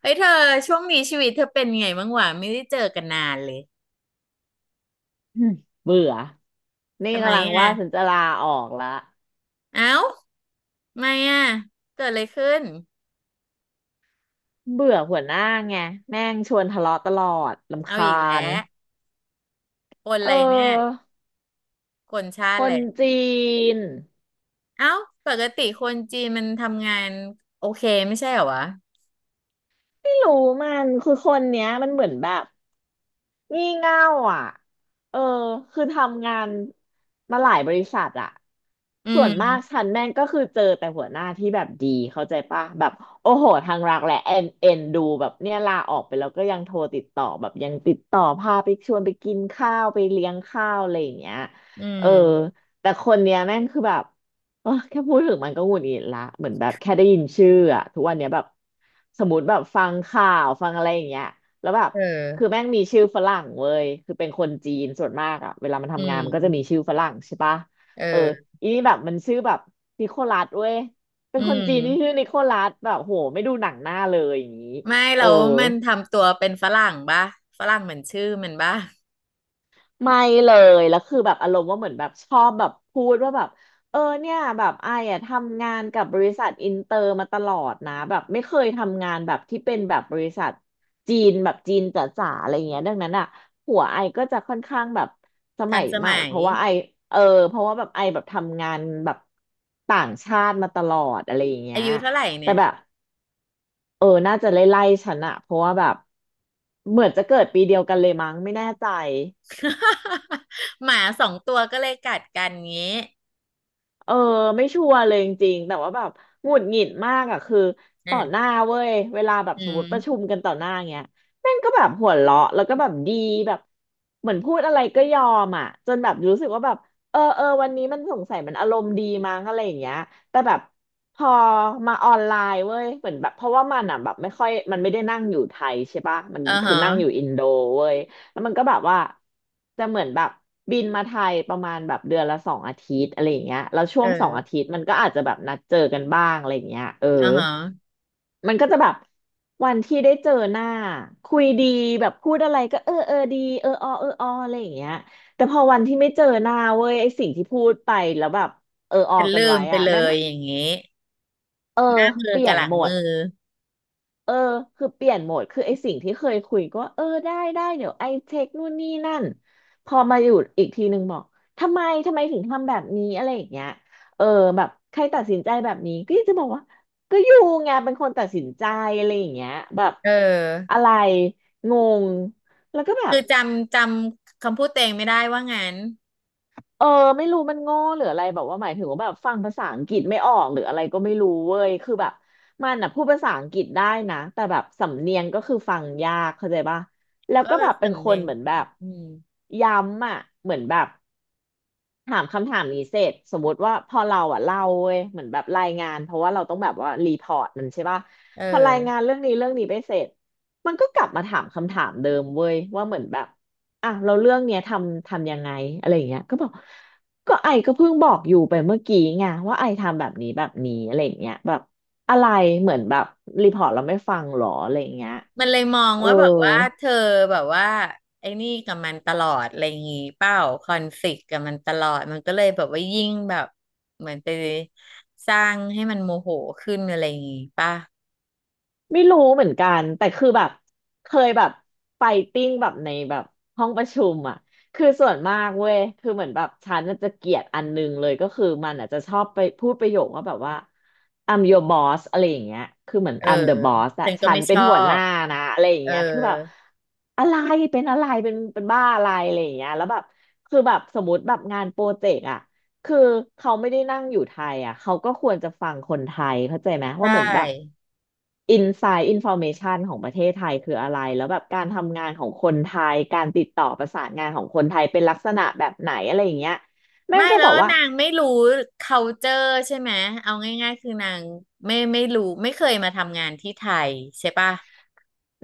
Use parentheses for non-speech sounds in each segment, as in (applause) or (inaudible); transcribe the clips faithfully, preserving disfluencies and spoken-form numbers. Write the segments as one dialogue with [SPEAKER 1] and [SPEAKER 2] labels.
[SPEAKER 1] เฮ้ยเธอช่วงนี้ชีวิตเธอเป็นไงบ้างวะไม่ได้เจอกันนานเลย
[SPEAKER 2] อืมเบื่อ นี่
[SPEAKER 1] ทำไม
[SPEAKER 2] กำลัง
[SPEAKER 1] อ่ะ
[SPEAKER 2] ว่าฉันจะลาออกละ
[SPEAKER 1] เอ้าทำไมอ่ะเกิดอะไรขึ้น
[SPEAKER 2] เบื่อหัวหน้าไงแม่งชวนทะเลาะตลอดรำ
[SPEAKER 1] เอา
[SPEAKER 2] คา
[SPEAKER 1] อีกแล้
[SPEAKER 2] ญ
[SPEAKER 1] วคนอะ
[SPEAKER 2] เ
[SPEAKER 1] ไรเนี่ย
[SPEAKER 2] ออ
[SPEAKER 1] คนชา
[SPEAKER 2] ค
[SPEAKER 1] ติเล
[SPEAKER 2] น
[SPEAKER 1] ย
[SPEAKER 2] จีน
[SPEAKER 1] เอ้าปกติคนจีนมันทำงานโอเคไม่ใช่เหรอวะ
[SPEAKER 2] ไม่รู้มัน คือคนเนี้ยมันเหมือนแบบ งี่เง่าอ่ะเออคือทำงานมาหลายบริษัทอ่ะ
[SPEAKER 1] อื
[SPEAKER 2] ส่วนมา
[SPEAKER 1] ม
[SPEAKER 2] กฉันแม่งก็คือเจอแต่หัวหน้าที่แบบดีเข้าใจป่ะแบบโอ้โหทางรักและเอ็นเอ็นดูแบบเนี่ยลาออกไปแล้วก็ยังโทรติดต่อแบบยังติดต่อพาไปชวนไปกินข้าวไปเลี้ยงข้าวอะไรอย่างเงี้ย
[SPEAKER 1] อื
[SPEAKER 2] เออ
[SPEAKER 1] ม
[SPEAKER 2] แต่คนเนี้ยแม่งคือแบบเออแค่พูดถึงมันก็หงุดหงิดละเหมือนแบบแค่ได้ยินชื่ออะทุกวันเนี้ยแบบสมมติแบบฟังข่าวฟังอะไรอย่างเงี้ยแล้วแบบ
[SPEAKER 1] เอ
[SPEAKER 2] คือ
[SPEAKER 1] อ
[SPEAKER 2] แม่งมีชื่อฝรั่งเว้ย คือเป็นคนจีนส่วนมากอะ เวลามัน
[SPEAKER 1] อื
[SPEAKER 2] ทำงานมันก็จะมี
[SPEAKER 1] ม
[SPEAKER 2] ชื่อฝรั่งใช่ปะเออ
[SPEAKER 1] เออ
[SPEAKER 2] อีนี่แบบมันชื่อแบบนิโคลัสเว้ย เป็น
[SPEAKER 1] อื
[SPEAKER 2] คนจีนที่ชื่อ
[SPEAKER 1] ม
[SPEAKER 2] นิโคลัสแบบโหไม่ดูหนังหน้าเลยอย่างนี้
[SPEAKER 1] ไม่
[SPEAKER 2] เอ
[SPEAKER 1] แล้
[SPEAKER 2] อ
[SPEAKER 1] วมันทำตัวเป็นฝรั่งปะฝรั่งเหมือนชื่อมันปะ
[SPEAKER 2] ไม่เลย แล้วคือแบบอารมณ์ว่าเหมือนแบบชอบแบบพูดว่าแบบเออเนี่ยแบบไอ้อะทำงานกับบริษัทอินเตอร์มาตลอดนะแบบไม่เคยทำงานแบบที่เป็นแบบบริษัทจีนแบบจีนจ๋าๆอะไรเงี้ยดังนั้นอ่ะหัวไอก็จะค่อนข้างแบบส
[SPEAKER 1] ทั
[SPEAKER 2] มั
[SPEAKER 1] น
[SPEAKER 2] ย
[SPEAKER 1] ส
[SPEAKER 2] ใหม่
[SPEAKER 1] มั
[SPEAKER 2] เพ
[SPEAKER 1] ย
[SPEAKER 2] ราะว่าไอเออเพราะว่าแบบไอแบบทำงานแบบต่างชาติมาตลอดอะไรอย่างเงี้
[SPEAKER 1] อา
[SPEAKER 2] ย
[SPEAKER 1] ยุเท่าไหร่
[SPEAKER 2] แต่
[SPEAKER 1] เนี่ย
[SPEAKER 2] แบบเออน่าจะไล่ๆฉันอะเพราะว่าแบบเหมือนจะเกิดปีเดียวกันเลยมั้งไม่แน่ใจ
[SPEAKER 1] (laughs) หมาสองตัวก็เลยกัดกันงี้
[SPEAKER 2] เออไม่ชัวร์เลยจริงๆแต่ว่าแบบหงุดหงิดมากอ่ะคือ
[SPEAKER 1] อื
[SPEAKER 2] ต่อหน้า
[SPEAKER 1] ม
[SPEAKER 2] เว้ยเวลาแบบ
[SPEAKER 1] อื
[SPEAKER 2] สมมติประชุ
[SPEAKER 1] ม
[SPEAKER 2] มกันต่อหน้าเงี้ยแม่งก็แบบหัวเราะแล้วก็แบบดีแบบเหมือนพูดอะไรก็ยอมอ่ะจนแบบรู้สึกว่าแบบเออเออวันนี้มันสงสัยมันอารมณ์ดีมั้งอะไรอย่างเงี้ยแต่แบบพอมาออนไลน์เว้ยเหมือนแบบเพราะว่ามันอ่ะแบบไม่ค่อยมันไม่ได้นั่งอยู่ไทยใช่ปะมัน
[SPEAKER 1] อ่า
[SPEAKER 2] คื
[SPEAKER 1] ฮะ
[SPEAKER 2] อนั่งอยู่อินโดเว้ย แล้วมันก็แบบว่าจะเหมือนแบบบินมาไทยประมาณแบบเดือนละสองอาทิตย์อะไรอย่างเงี้ยแล้วช่
[SPEAKER 1] เอ
[SPEAKER 2] วงสองอา
[SPEAKER 1] อ
[SPEAKER 2] ทิตย์มันก็อาจจะแบบนัดเจอกันบ้างอะไรอย่างเงี้ยเออ
[SPEAKER 1] อ่าฮะ
[SPEAKER 2] มันก็จะแบบวันที่ได้เจอหน้าคุยดีแบบพูดอะไรก็เออเออดีเออออเอออออะไรอย่างเงี้ยแต่พอวันที่ไม่เจอหน้าเว้ยไอสิ่งที่พูดไปแล้วแบบเออออ
[SPEAKER 1] ฉัน
[SPEAKER 2] กัน
[SPEAKER 1] ลื
[SPEAKER 2] ไว้
[SPEAKER 1] มไป
[SPEAKER 2] อะ
[SPEAKER 1] เล
[SPEAKER 2] แม่ง
[SPEAKER 1] ยอย่างงี้
[SPEAKER 2] เออ
[SPEAKER 1] หน้ามือ
[SPEAKER 2] เปลี่ย
[SPEAKER 1] กับห
[SPEAKER 2] น
[SPEAKER 1] ลัง
[SPEAKER 2] หม
[SPEAKER 1] มื
[SPEAKER 2] ด
[SPEAKER 1] อ
[SPEAKER 2] เออคือเปลี่ยนโหมดคือไอสิ่งที่เคยคุยก็เออได้ได้เดี๋ยวไอเช็คนู่นนี่นั่นพอมาอยู่อีกทีนึงบอกทำไมทำไมถึงทำแบบนี้อะไรอย่างเงี้ยเออแบบใครตัดสินใจแบบนี้ก็จะบอกว่าก็อยู่ไงเป็นคนตัดสินใจอะไรอย่างเงี้ยแบบ
[SPEAKER 1] เออ
[SPEAKER 2] อะไรงงแล้วก็แบ
[SPEAKER 1] คื
[SPEAKER 2] บ
[SPEAKER 1] อจำจำคำพูดเตวเองไม่ได้ว่างั้น
[SPEAKER 2] เออไม่รู้มันโง่หรืออะไรแบบว่าหมายถึงว่าแบบฟังภาษาอังกฤษไม่ออกหรืออะไรก็ไม่รู้เว้ยคือแบบมันอ่ะพูดภาษาอังกฤษได้นะแต่แบบสำเนียงก็คือฟังยากเข้าใจป่ะแล้ว
[SPEAKER 1] ก็
[SPEAKER 2] ก็
[SPEAKER 1] แบ
[SPEAKER 2] แบ
[SPEAKER 1] บน
[SPEAKER 2] บเป็น
[SPEAKER 1] สำ
[SPEAKER 2] ค
[SPEAKER 1] เนี
[SPEAKER 2] น
[SPEAKER 1] ยง
[SPEAKER 2] เหมือนแบบ
[SPEAKER 1] อืม
[SPEAKER 2] ย้ำอ่ะเหมือนแบบ ถามคำถามนี้เสร็จสมมติว่าพอเราอ่ะเล่าเว้ยเหมือนแบบรายงานเพราะว่าเราต้องแบบว่ารีพอร์ตมันใช่ป่ะ
[SPEAKER 1] เ
[SPEAKER 2] พอราย
[SPEAKER 1] ออ
[SPEAKER 2] งานเรื่องนี้เรื่องนี้ไปเสร็จมันก็กลับมาถามคำถามเดิมเว้ยว่าเหมือนแบบอ่ะเราเรื่องเนี้ยทำทำยังไงอะไรอย่างเงี้ยก็บอกก็ไอก็เพิ่งบอกอยู่ไปเมื่อกี้ไงว่าไอทำแบบนี้แบบนี้อะไรอย่างเงี้ยแบบอะไรเหมือนแบบรีพอร์ตเราไม่ฟังหรออะไรอย่างเงี้ย
[SPEAKER 1] มันเลยมอง
[SPEAKER 2] เออ
[SPEAKER 1] ว่าแบบว่าเธอแบบว่าไอ้นี่กับมันตลอดอะไรอย่างงี้เปล่าคอนฟลิกต์กับมันตลอดมันก็เลยแบบว่ายิ่งแบบเหมือนไปสร้างให้มันโมโหขึ้นอะไรอย่างงี้ป่ะ
[SPEAKER 2] ไม่รู้เหมือนกันแต่คือแบบเคยแบบไฟติ้งแบบในแบบห้องประชุมอ่ะคือส่วนมากเว้ยคือเหมือนแบบฉันน่ะจะเกลียดอันนึงเลยก็คือมันอาจจะชอบไปพูดประโยคว่าแบบว่า I'm your boss อะไรอย่างเงี้ยคือเหมือน
[SPEAKER 1] เออ
[SPEAKER 2] I'm the boss อะ
[SPEAKER 1] ฉันก็
[SPEAKER 2] ฉัน
[SPEAKER 1] ไม่ช
[SPEAKER 2] เป็น
[SPEAKER 1] อ
[SPEAKER 2] หัวห
[SPEAKER 1] บ
[SPEAKER 2] น้านะอะไรอย่าง
[SPEAKER 1] เออ
[SPEAKER 2] เงี้ยคือแบบอะไรเป็นอะไรเป็นเป็นบ้าอะไรอะไรอย่างเงี้ยแล้วแบบคือแบบสมมติแบบงานโปรเจกต์อะ คือเขาไม่ได้นั่งอยู่ไทยอ่ะเขาก็ควรจะฟังคนไทยเข้าใจไหม
[SPEAKER 1] ใช
[SPEAKER 2] ว่าเหมือนแบบ
[SPEAKER 1] ่
[SPEAKER 2] อินไซด์อินฟอร์เมชันของประเทศไทยคืออะไรแล้วแบบการทำงานของคนไทยการติดต่อประสานงานของคนไทยเป็นลักษณะแบบไหนอะไรอย่างเงี้ยแม่ง
[SPEAKER 1] ไม่
[SPEAKER 2] ก็
[SPEAKER 1] แล้
[SPEAKER 2] บอ
[SPEAKER 1] ว
[SPEAKER 2] กว่า
[SPEAKER 1] นางไม่รู้ คัลเจอร์ ใช่ไหมเอาง่ายๆคือนางไม่ไม่รู้ไม่เคยมาทำงานที่ไทยใช่ปะ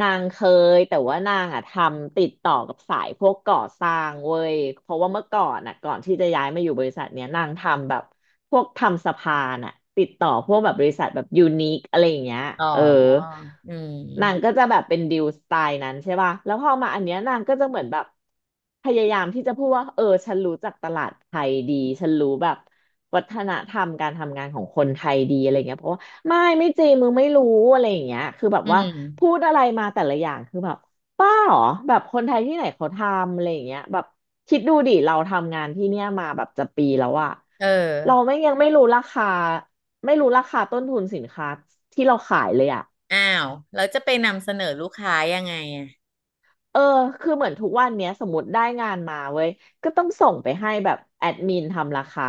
[SPEAKER 2] นางเคยแต่ว่านางอ่ะทำติดต่อกับสายพวกก่อสร้างเว้ยเพราะว่าเมื่อก่อนอ่ะก่อนที่จะย้ายมาอยู่บริษัทเนี้ยนางทำแบบพวกทำสะพานอ่ะติดต่อพวกแบบบริษัทแบบยูนิคอะไรอย่างเงี้ย
[SPEAKER 1] อ๋อ
[SPEAKER 2] เออ
[SPEAKER 1] อื
[SPEAKER 2] นาง
[SPEAKER 1] ม
[SPEAKER 2] ก็จะแบบเป็นดิวสไตล์นั้นใช่ป่ะแล้วพอมาอันเนี้ยนางก็จะเหมือนแบบพยายามที่จะพูดว่าเออฉันรู้จักตลาดไทยดี ฉันรู้แบบวัฒนธรรมการทำงานของคนไทยดีอะไรเงี้ยเพราะว่าไม่ไม่จริงมึงไม่รู้อะไรอย่างเงี้ยคือแบบ
[SPEAKER 1] อื
[SPEAKER 2] ว่าพูด
[SPEAKER 1] ม
[SPEAKER 2] อะไรมาแต่ละอย่างคือแบบป้าเหรอแบบคนไทยที่ไหนเขาทำอะไรอย่างเงี้ยแบบคิดดูดิเราทำงานที่เนี่ยมาแบบจะปีแล้วอะ
[SPEAKER 1] เอ
[SPEAKER 2] เรา
[SPEAKER 1] อ
[SPEAKER 2] ไม่ยังไม่รู้ราคาไม่รู้ราคาต้นทุนสินค้าที่เราขายเลยอะ
[SPEAKER 1] อ้าวแล้วจะไปนำเสนอลูกค้ายังไงอ่ะ
[SPEAKER 2] เออคือเหมือนทุกวันเนี้ยสมมติได้งานมาเว้ย ก็ต้องส่งไปให้แบบแอดมินทำราคา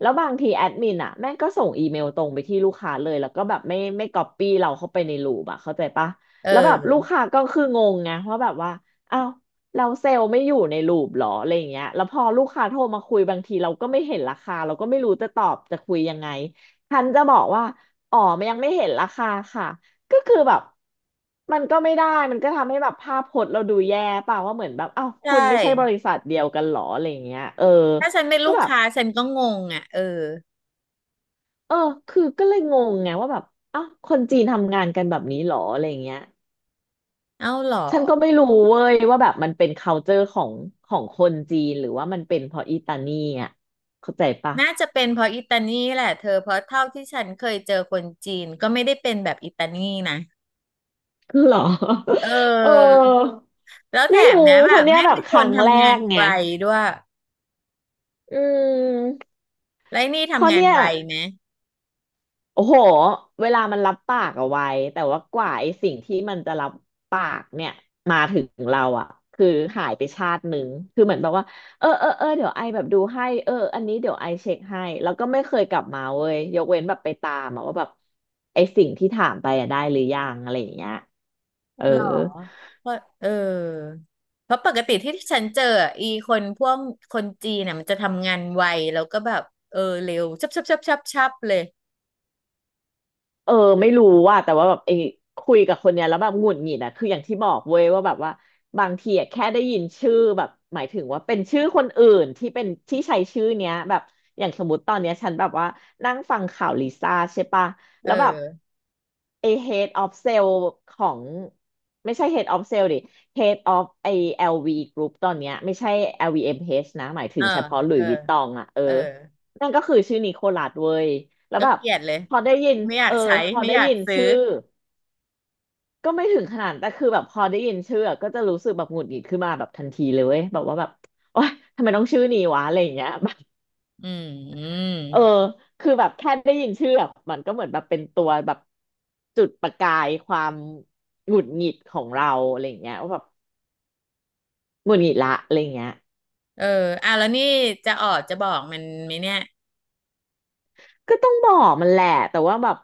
[SPEAKER 2] แล้วบางทีแอดมินอ่ะแม่งก็ส่งอีเมลตรงไปที่ลูกค้าเลยแล้วก็แบบไม่ไม่ก๊อปปี้เราเข้าไปในรูปอ่ะเข้าใจปะ
[SPEAKER 1] เ
[SPEAKER 2] แล้วแบบลูก
[SPEAKER 1] ออ
[SPEAKER 2] ค้าก็คืองงไงว่าแบบว่าอ้าวเราเซลล์ไม่อยู่ในรูปหรออะไรอย่างเงี้ยแล้วพอลูกค้าโทรมาคุยบางทีเราก็ไม่เห็นราคาเราก็ไม่รู้จะตอบจะคุยยังไงฉันจะบอกว่าอ๋อมันยังไม่เห็นราคาค่ะ ก็คือแบบมันก็ไม่ได้มันก็ทำให้แบบภาพพจน์เราดูแย่เปล่าว่าเหมือนแบบอ้าว
[SPEAKER 1] ใช่
[SPEAKER 2] คุณไม่ใช่บริษัทเดียวกันหรออะไรอย่างเงี้ยเออ
[SPEAKER 1] ถ้าฉันเป็น
[SPEAKER 2] ก็
[SPEAKER 1] ลูก
[SPEAKER 2] แบบ
[SPEAKER 1] ค้าฉันก็งงอ่ะเออ
[SPEAKER 2] เออคือก็เลยงงไงว่าแบบอ้าวคนจีนทำงานกันแบบนี้หรออะไรอย่างเงี้ย
[SPEAKER 1] เอ้าเหรอ
[SPEAKER 2] ฉันก็ไม่รู้เว้ยว่าแบบมันเป็น culture ของของคนจีนหรือว่ามันเป็นเพราะอีตานี่อ่ะเข้าใจปะ
[SPEAKER 1] น่าจะเป็นเพราะอิตาลีแหละเธอเพราะเท่าที่ฉันเคยเจอคนจีนก็ไม่ได้เป็นแบบอิตาลีนะ
[SPEAKER 2] คือเหรอ (laughs)
[SPEAKER 1] เอ
[SPEAKER 2] เอ
[SPEAKER 1] อ
[SPEAKER 2] อ
[SPEAKER 1] แล้วแถ
[SPEAKER 2] ไม่
[SPEAKER 1] ม
[SPEAKER 2] รู้
[SPEAKER 1] นะแบ
[SPEAKER 2] เพราะ
[SPEAKER 1] บ
[SPEAKER 2] เนี้ย
[SPEAKER 1] แม่
[SPEAKER 2] แบ
[SPEAKER 1] เป็
[SPEAKER 2] บ
[SPEAKER 1] น
[SPEAKER 2] ค
[SPEAKER 1] คน
[SPEAKER 2] รั้งแร
[SPEAKER 1] ทำงาน
[SPEAKER 2] กไง
[SPEAKER 1] ไวด้วย
[SPEAKER 2] อืม
[SPEAKER 1] แล้วไอ้นี่
[SPEAKER 2] เพราะ
[SPEAKER 1] ทำงาน
[SPEAKER 2] เนี่ย
[SPEAKER 1] ไวไหม
[SPEAKER 2] โอ้โห เวลามันรับปากเอาไว้แต่ว่ากว่าไอ้สิ่งที่มันจะรับปากเนี่ยมาถึงเราอ่ะคือหายไปชาติหนึ่งคือเหมือนแบบว่า เออเออเออเดี๋ยวไอแบบดูให้เอออันนี้เดี๋ยวไอเช็คให้แล้วก็ไม่เคยกลับมาเว้ยยกเว้นแบบไปตามอะว่าแบบไอ้สิ่งที่ถามไปอะได้หรือยังอะไรอย่างเงี้ยเออ
[SPEAKER 1] หรอเพราะเออเพราะปกติที่ฉันเจออะอีคนพวกคนจีนน่ะมันจะทำงานไวแล้วก็แบบเออเร็วชับชับชับชับชับเลย
[SPEAKER 2] เออไม่รู้ว่าแต่ว่าแบบไอ้คุยกับคนเนี้ยแล้วแบบหงุดหงิดอะคืออย่างที่บอกเว้ยว่าแบบว่าบางทีอะแค่ได้ยินชื่อแบบหมายถึงว่าเป็นชื่อคนอื่นที่เป็นที่ใช้ชื่อเนี้ยแบบอย่างสมมติตอนเนี้ยฉันแบบว่านั่งฟังข่าวลิซ่าใช่ปะ
[SPEAKER 1] เ
[SPEAKER 2] แล้วแบบ
[SPEAKER 1] ออ
[SPEAKER 2] ไอ้ head of sale ของไม่ใช่ head of sale ดิ head of ไอ้ แอล วี group ตอนเนี้ยไม่ใช่ แอล วี เอ็ม เอช นะหมายถึ
[SPEAKER 1] เออ
[SPEAKER 2] งเฉพาะหลุ
[SPEAKER 1] เอ
[SPEAKER 2] ย
[SPEAKER 1] อ
[SPEAKER 2] ส์วิตตองอะเออ
[SPEAKER 1] เออ
[SPEAKER 2] นั่นก็คือชื่อนิโคลัสเว้ยแล้ว
[SPEAKER 1] ก็
[SPEAKER 2] แบบ
[SPEAKER 1] เกลียดเลย
[SPEAKER 2] พอได้ยิน
[SPEAKER 1] ไม่อยา
[SPEAKER 2] เอ
[SPEAKER 1] ก
[SPEAKER 2] อ
[SPEAKER 1] ใช้
[SPEAKER 2] พอ
[SPEAKER 1] ไม่
[SPEAKER 2] ได้
[SPEAKER 1] อยาก
[SPEAKER 2] ยิน
[SPEAKER 1] ซื้อ
[SPEAKER 2] ชื่อ ก็ไม่ถึงขนาดแต่คือแบบพอได้ยินชื่ออะก็จะรู้สึกแบบหงุดหงิดขึ้นมาแบบทันทีเลยเว้ยแบบว่าแบบโอ๊ยทำไมต้องชื่อนี้วะอะไรอย่างเงี้ย (laughs) แบบ
[SPEAKER 1] อืมอืม
[SPEAKER 2] เออคือแบบแค่ได้ยินชื่อแบะมันก็เหมือนแบบเป็นตัวแบบจุดประกายความหงุดหงิดของเราอะไรอย่างเงี้ยว่าแบบหงุดหงิดละอะไรอย่างเงี้ย
[SPEAKER 1] เอออ่ะแล้วนี่จะออดจะบอกมันไหมเนี่ย
[SPEAKER 2] ก็ต้องบอกมันแหละแต่ว่าแบบ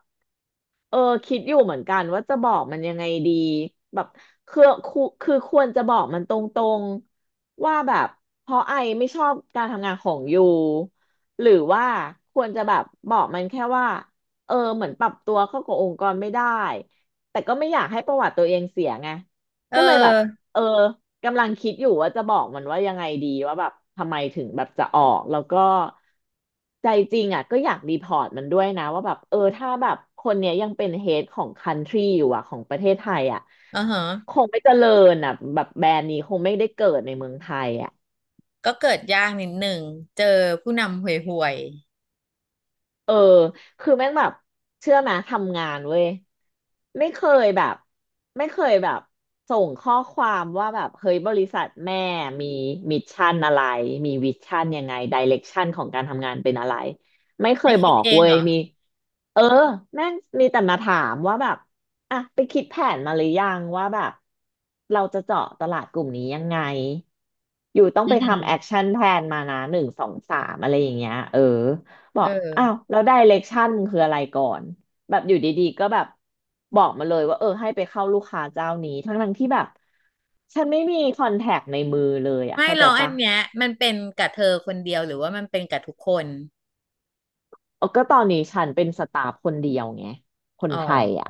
[SPEAKER 2] เออคิดอยู่เหมือนกันว่าจะบอกมันยังไงดีแบบคือคือคือควรจะบอกมันตรงๆว่าแบบเพราะไอไม่ชอบการทำงานของยูหรือว่าควรจะแบบบอกมันแค่ว่าเออเหมือนปรับตัวเข้ากับองค์กรไม่ได้แต่ก็ไม่อยากให้ประวัติตัวเองเสียไง
[SPEAKER 1] เอ
[SPEAKER 2] ก็เลยแบบ
[SPEAKER 1] อ
[SPEAKER 2] เออ กำลังคิดอยู่ว่าจะบอกมันว่ายังไงดีว่าแบบทำไมถึงแบบจะออกแล้วก็ใจจริงอ่ะก็อยากรีพอร์ตมันด้วยนะว่าแบบเออถ้าแบบคนเนี้ยยังเป็นเฮดของคันทรีอยู่อ่ะของประเทศไทยอ่ะ
[SPEAKER 1] อ่าฮะ
[SPEAKER 2] คงไม่เจริญอ่ะแบบแบรนด์นี้คงไม่ได้เกิดในเมืองไทยอ่ะ
[SPEAKER 1] ก็เกิดยากนิดหนึ่งเจอผู้นำห่วย
[SPEAKER 2] เออคือแม่งแบบเชื่อไหมทำงานเว้ยไม่เคยแบบไม่เคยแบบส่งข้อความว่าแบบเฮ้ยบริษัทแม่มีมิชชั่นอะไรมีวิชั่นยังไงดิเรกชันของการทำงานเป็นอะไรไม่เค
[SPEAKER 1] ๆให้
[SPEAKER 2] ยบ
[SPEAKER 1] คิ
[SPEAKER 2] อ
[SPEAKER 1] ด
[SPEAKER 2] ก
[SPEAKER 1] เอง
[SPEAKER 2] เว้
[SPEAKER 1] เห
[SPEAKER 2] ย
[SPEAKER 1] รอ
[SPEAKER 2] มีเออแม่งมีแต่มาถามว่าแบบอ่ะไปคิดแผนมาหรือยังว่าแบบเราจะเจาะตลาดกลุ่มนี้ยังไงอยู่ต้อง
[SPEAKER 1] อื
[SPEAKER 2] ไปทำแอค
[SPEAKER 1] ม
[SPEAKER 2] ชั่นแพลนมานะหนึ่งสองสามอะไรอย่างเงี้ยเออ บอ
[SPEAKER 1] เอ
[SPEAKER 2] กอ้าว
[SPEAKER 1] อ
[SPEAKER 2] แล้ว direction มึงคืออะไรก่อนแบบอยู่ดีๆก็แบบบอกมาเลยว่าเออให้ไปเข้าลูกค้าเจ้านี้ทั้งๆที่แบบฉันไม่มีคอนแทคในมือเลยอ่ะ
[SPEAKER 1] ไม่
[SPEAKER 2] เข้า
[SPEAKER 1] หร
[SPEAKER 2] ใจ
[SPEAKER 1] อกอัน
[SPEAKER 2] ปะ
[SPEAKER 1] เนี้ยมันเป็นกับเธอคนเดียวหรือว่ามันเป็นกับทุกคน
[SPEAKER 2] เออ ก็ตอนนี้ฉันเป็นสตาฟคนเดียวไงคน
[SPEAKER 1] อ๋อ
[SPEAKER 2] ไทยอ่ะ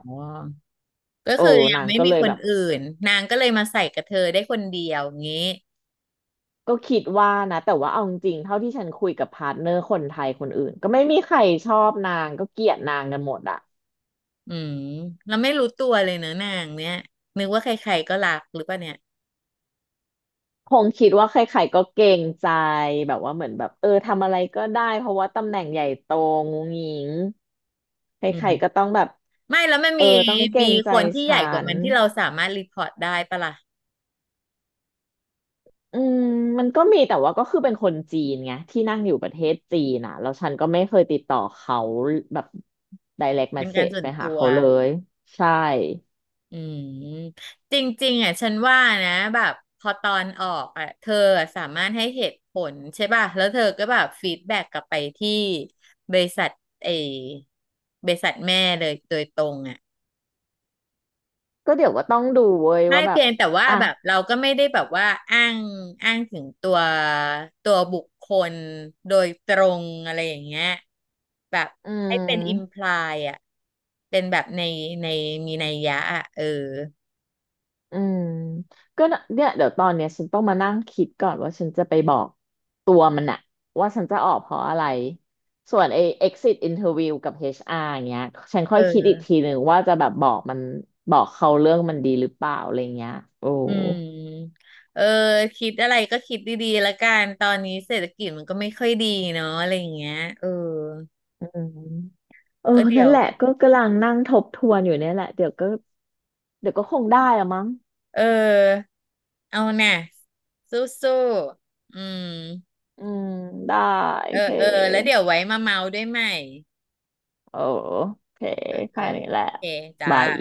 [SPEAKER 1] ก็
[SPEAKER 2] โอ้
[SPEAKER 1] คือยัง
[SPEAKER 2] นาง
[SPEAKER 1] ไม่
[SPEAKER 2] ก็
[SPEAKER 1] มี
[SPEAKER 2] เลย
[SPEAKER 1] ค
[SPEAKER 2] แบ
[SPEAKER 1] น
[SPEAKER 2] บ
[SPEAKER 1] อื่นนางก็เลยมาใส่กับเธอได้คนเดียวงี้
[SPEAKER 2] ก็คิดว่านะแต่ว่าเอาจริงๆเท่าที่ฉันคุยกับพาร์ทเนอร์คนไทยคนอื่นก็ไม่มีใครชอบนางก็เกลียดนางกันหมดอ่ะ
[SPEAKER 1] อืมเราไม่รู้ตัวเลยเนอะนางเนี้ยนึกว่าใครๆก็รักหรือเปล่าเนี่ย
[SPEAKER 2] คงคิดว่าใครๆก็เกรงใจแบบว่าเหมือนแบบเออทำอะไรก็ได้เพราะว่าตำแหน่งใหญ่โตงูงิงใค
[SPEAKER 1] อื
[SPEAKER 2] ร
[SPEAKER 1] ม
[SPEAKER 2] ๆก็ต้องแบบ
[SPEAKER 1] ไม่แล้วมัน
[SPEAKER 2] เออ
[SPEAKER 1] มี
[SPEAKER 2] ต้องเกร
[SPEAKER 1] มี
[SPEAKER 2] งใจ
[SPEAKER 1] คนที่ให
[SPEAKER 2] ฉั
[SPEAKER 1] ญ่กว่า
[SPEAKER 2] น
[SPEAKER 1] มันที่เราสามารถรีพอร์ตได้ปะล่ะ
[SPEAKER 2] อืมมันก็มีแต่ว่าก็คือเป็นคนจีนไงที่นั่งอยู่ประเทศจีนอ่ะแล้วฉันก็ไม่เคยติดต่อเขาแบบ direct
[SPEAKER 1] เป็นการ
[SPEAKER 2] message
[SPEAKER 1] ส่ว
[SPEAKER 2] ไป
[SPEAKER 1] น
[SPEAKER 2] หา
[SPEAKER 1] ตัว
[SPEAKER 2] เขาเลยใช่
[SPEAKER 1] อืมจริงๆอ่ะฉันว่านะแบบพอตอนออกอ่ะเธอสามารถให้เหตุผลใช่ป่ะแล้วเธอก็แบบฟีดแบ็กกลับไปที่บริษัทเอบริษัทแม่เลยโดยตรงอ่ะ
[SPEAKER 2] ก็เดี๋ยวว่าต้องดูเว้ย
[SPEAKER 1] ใช่
[SPEAKER 2] ว่าแบ
[SPEAKER 1] เพี
[SPEAKER 2] บ
[SPEAKER 1] ยงแต่ว่า
[SPEAKER 2] อ่ะ
[SPEAKER 1] แบบเราก็ไม่ได้แบบว่าอ้างอ้างถึงตัวตัวบุคคลโดยตรงอะไรอย่างเงี้ยแบบ
[SPEAKER 2] อื
[SPEAKER 1] ให้เป็นอิมพ
[SPEAKER 2] ม
[SPEAKER 1] ลายอ่ะเป็นแบบในในมีนัยยะอ่ะเออ
[SPEAKER 2] อืมก็น่ะเนี่ยเดี๋ยวตอนเนี้ยฉันต้องมานั่งคิดก่อนว่าฉันจะไปบอกตัวมันอะว่าฉันจะออกเพราะอะไรส่วนไอ้ exit interview กับ เอช อาร์ อชอาร์อย่างเงี้ยฉันค่อ
[SPEAKER 1] เอ
[SPEAKER 2] ยคิดอี
[SPEAKER 1] อ
[SPEAKER 2] กทีหนึ่งว่าจะแบบบอกมันบอกเขาเรื่องมันดีหรือเปล่าอะไรเงี้ยโอ้
[SPEAKER 1] อืมเออคิดอะไรก็คิดดีๆละกันตอนนี้เศรษฐกิจมันก็ไม่ค่อยดีเนาะอะไรอย่างเงี้ยเออ
[SPEAKER 2] อืมเออ
[SPEAKER 1] ก็เดี๋
[SPEAKER 2] นั่
[SPEAKER 1] ย
[SPEAKER 2] น
[SPEAKER 1] ว
[SPEAKER 2] แหละก็กำลังนั่งทบทวนอยู่เนี่ยแหละเดี๋ยวก็เดี๋ยวก็คงได้อะมั้ง
[SPEAKER 1] เออเอาน่ะสู้ๆอืม
[SPEAKER 2] อืมได้โอ
[SPEAKER 1] เอ
[SPEAKER 2] เค
[SPEAKER 1] อเออแล้วเดี๋ยวไว้มาเมาด้วยใหม่
[SPEAKER 2] โอเค
[SPEAKER 1] เออเอ
[SPEAKER 2] แค่
[SPEAKER 1] อ
[SPEAKER 2] นี้แห
[SPEAKER 1] โอ
[SPEAKER 2] ละ
[SPEAKER 1] เคจ้า
[SPEAKER 2] บาย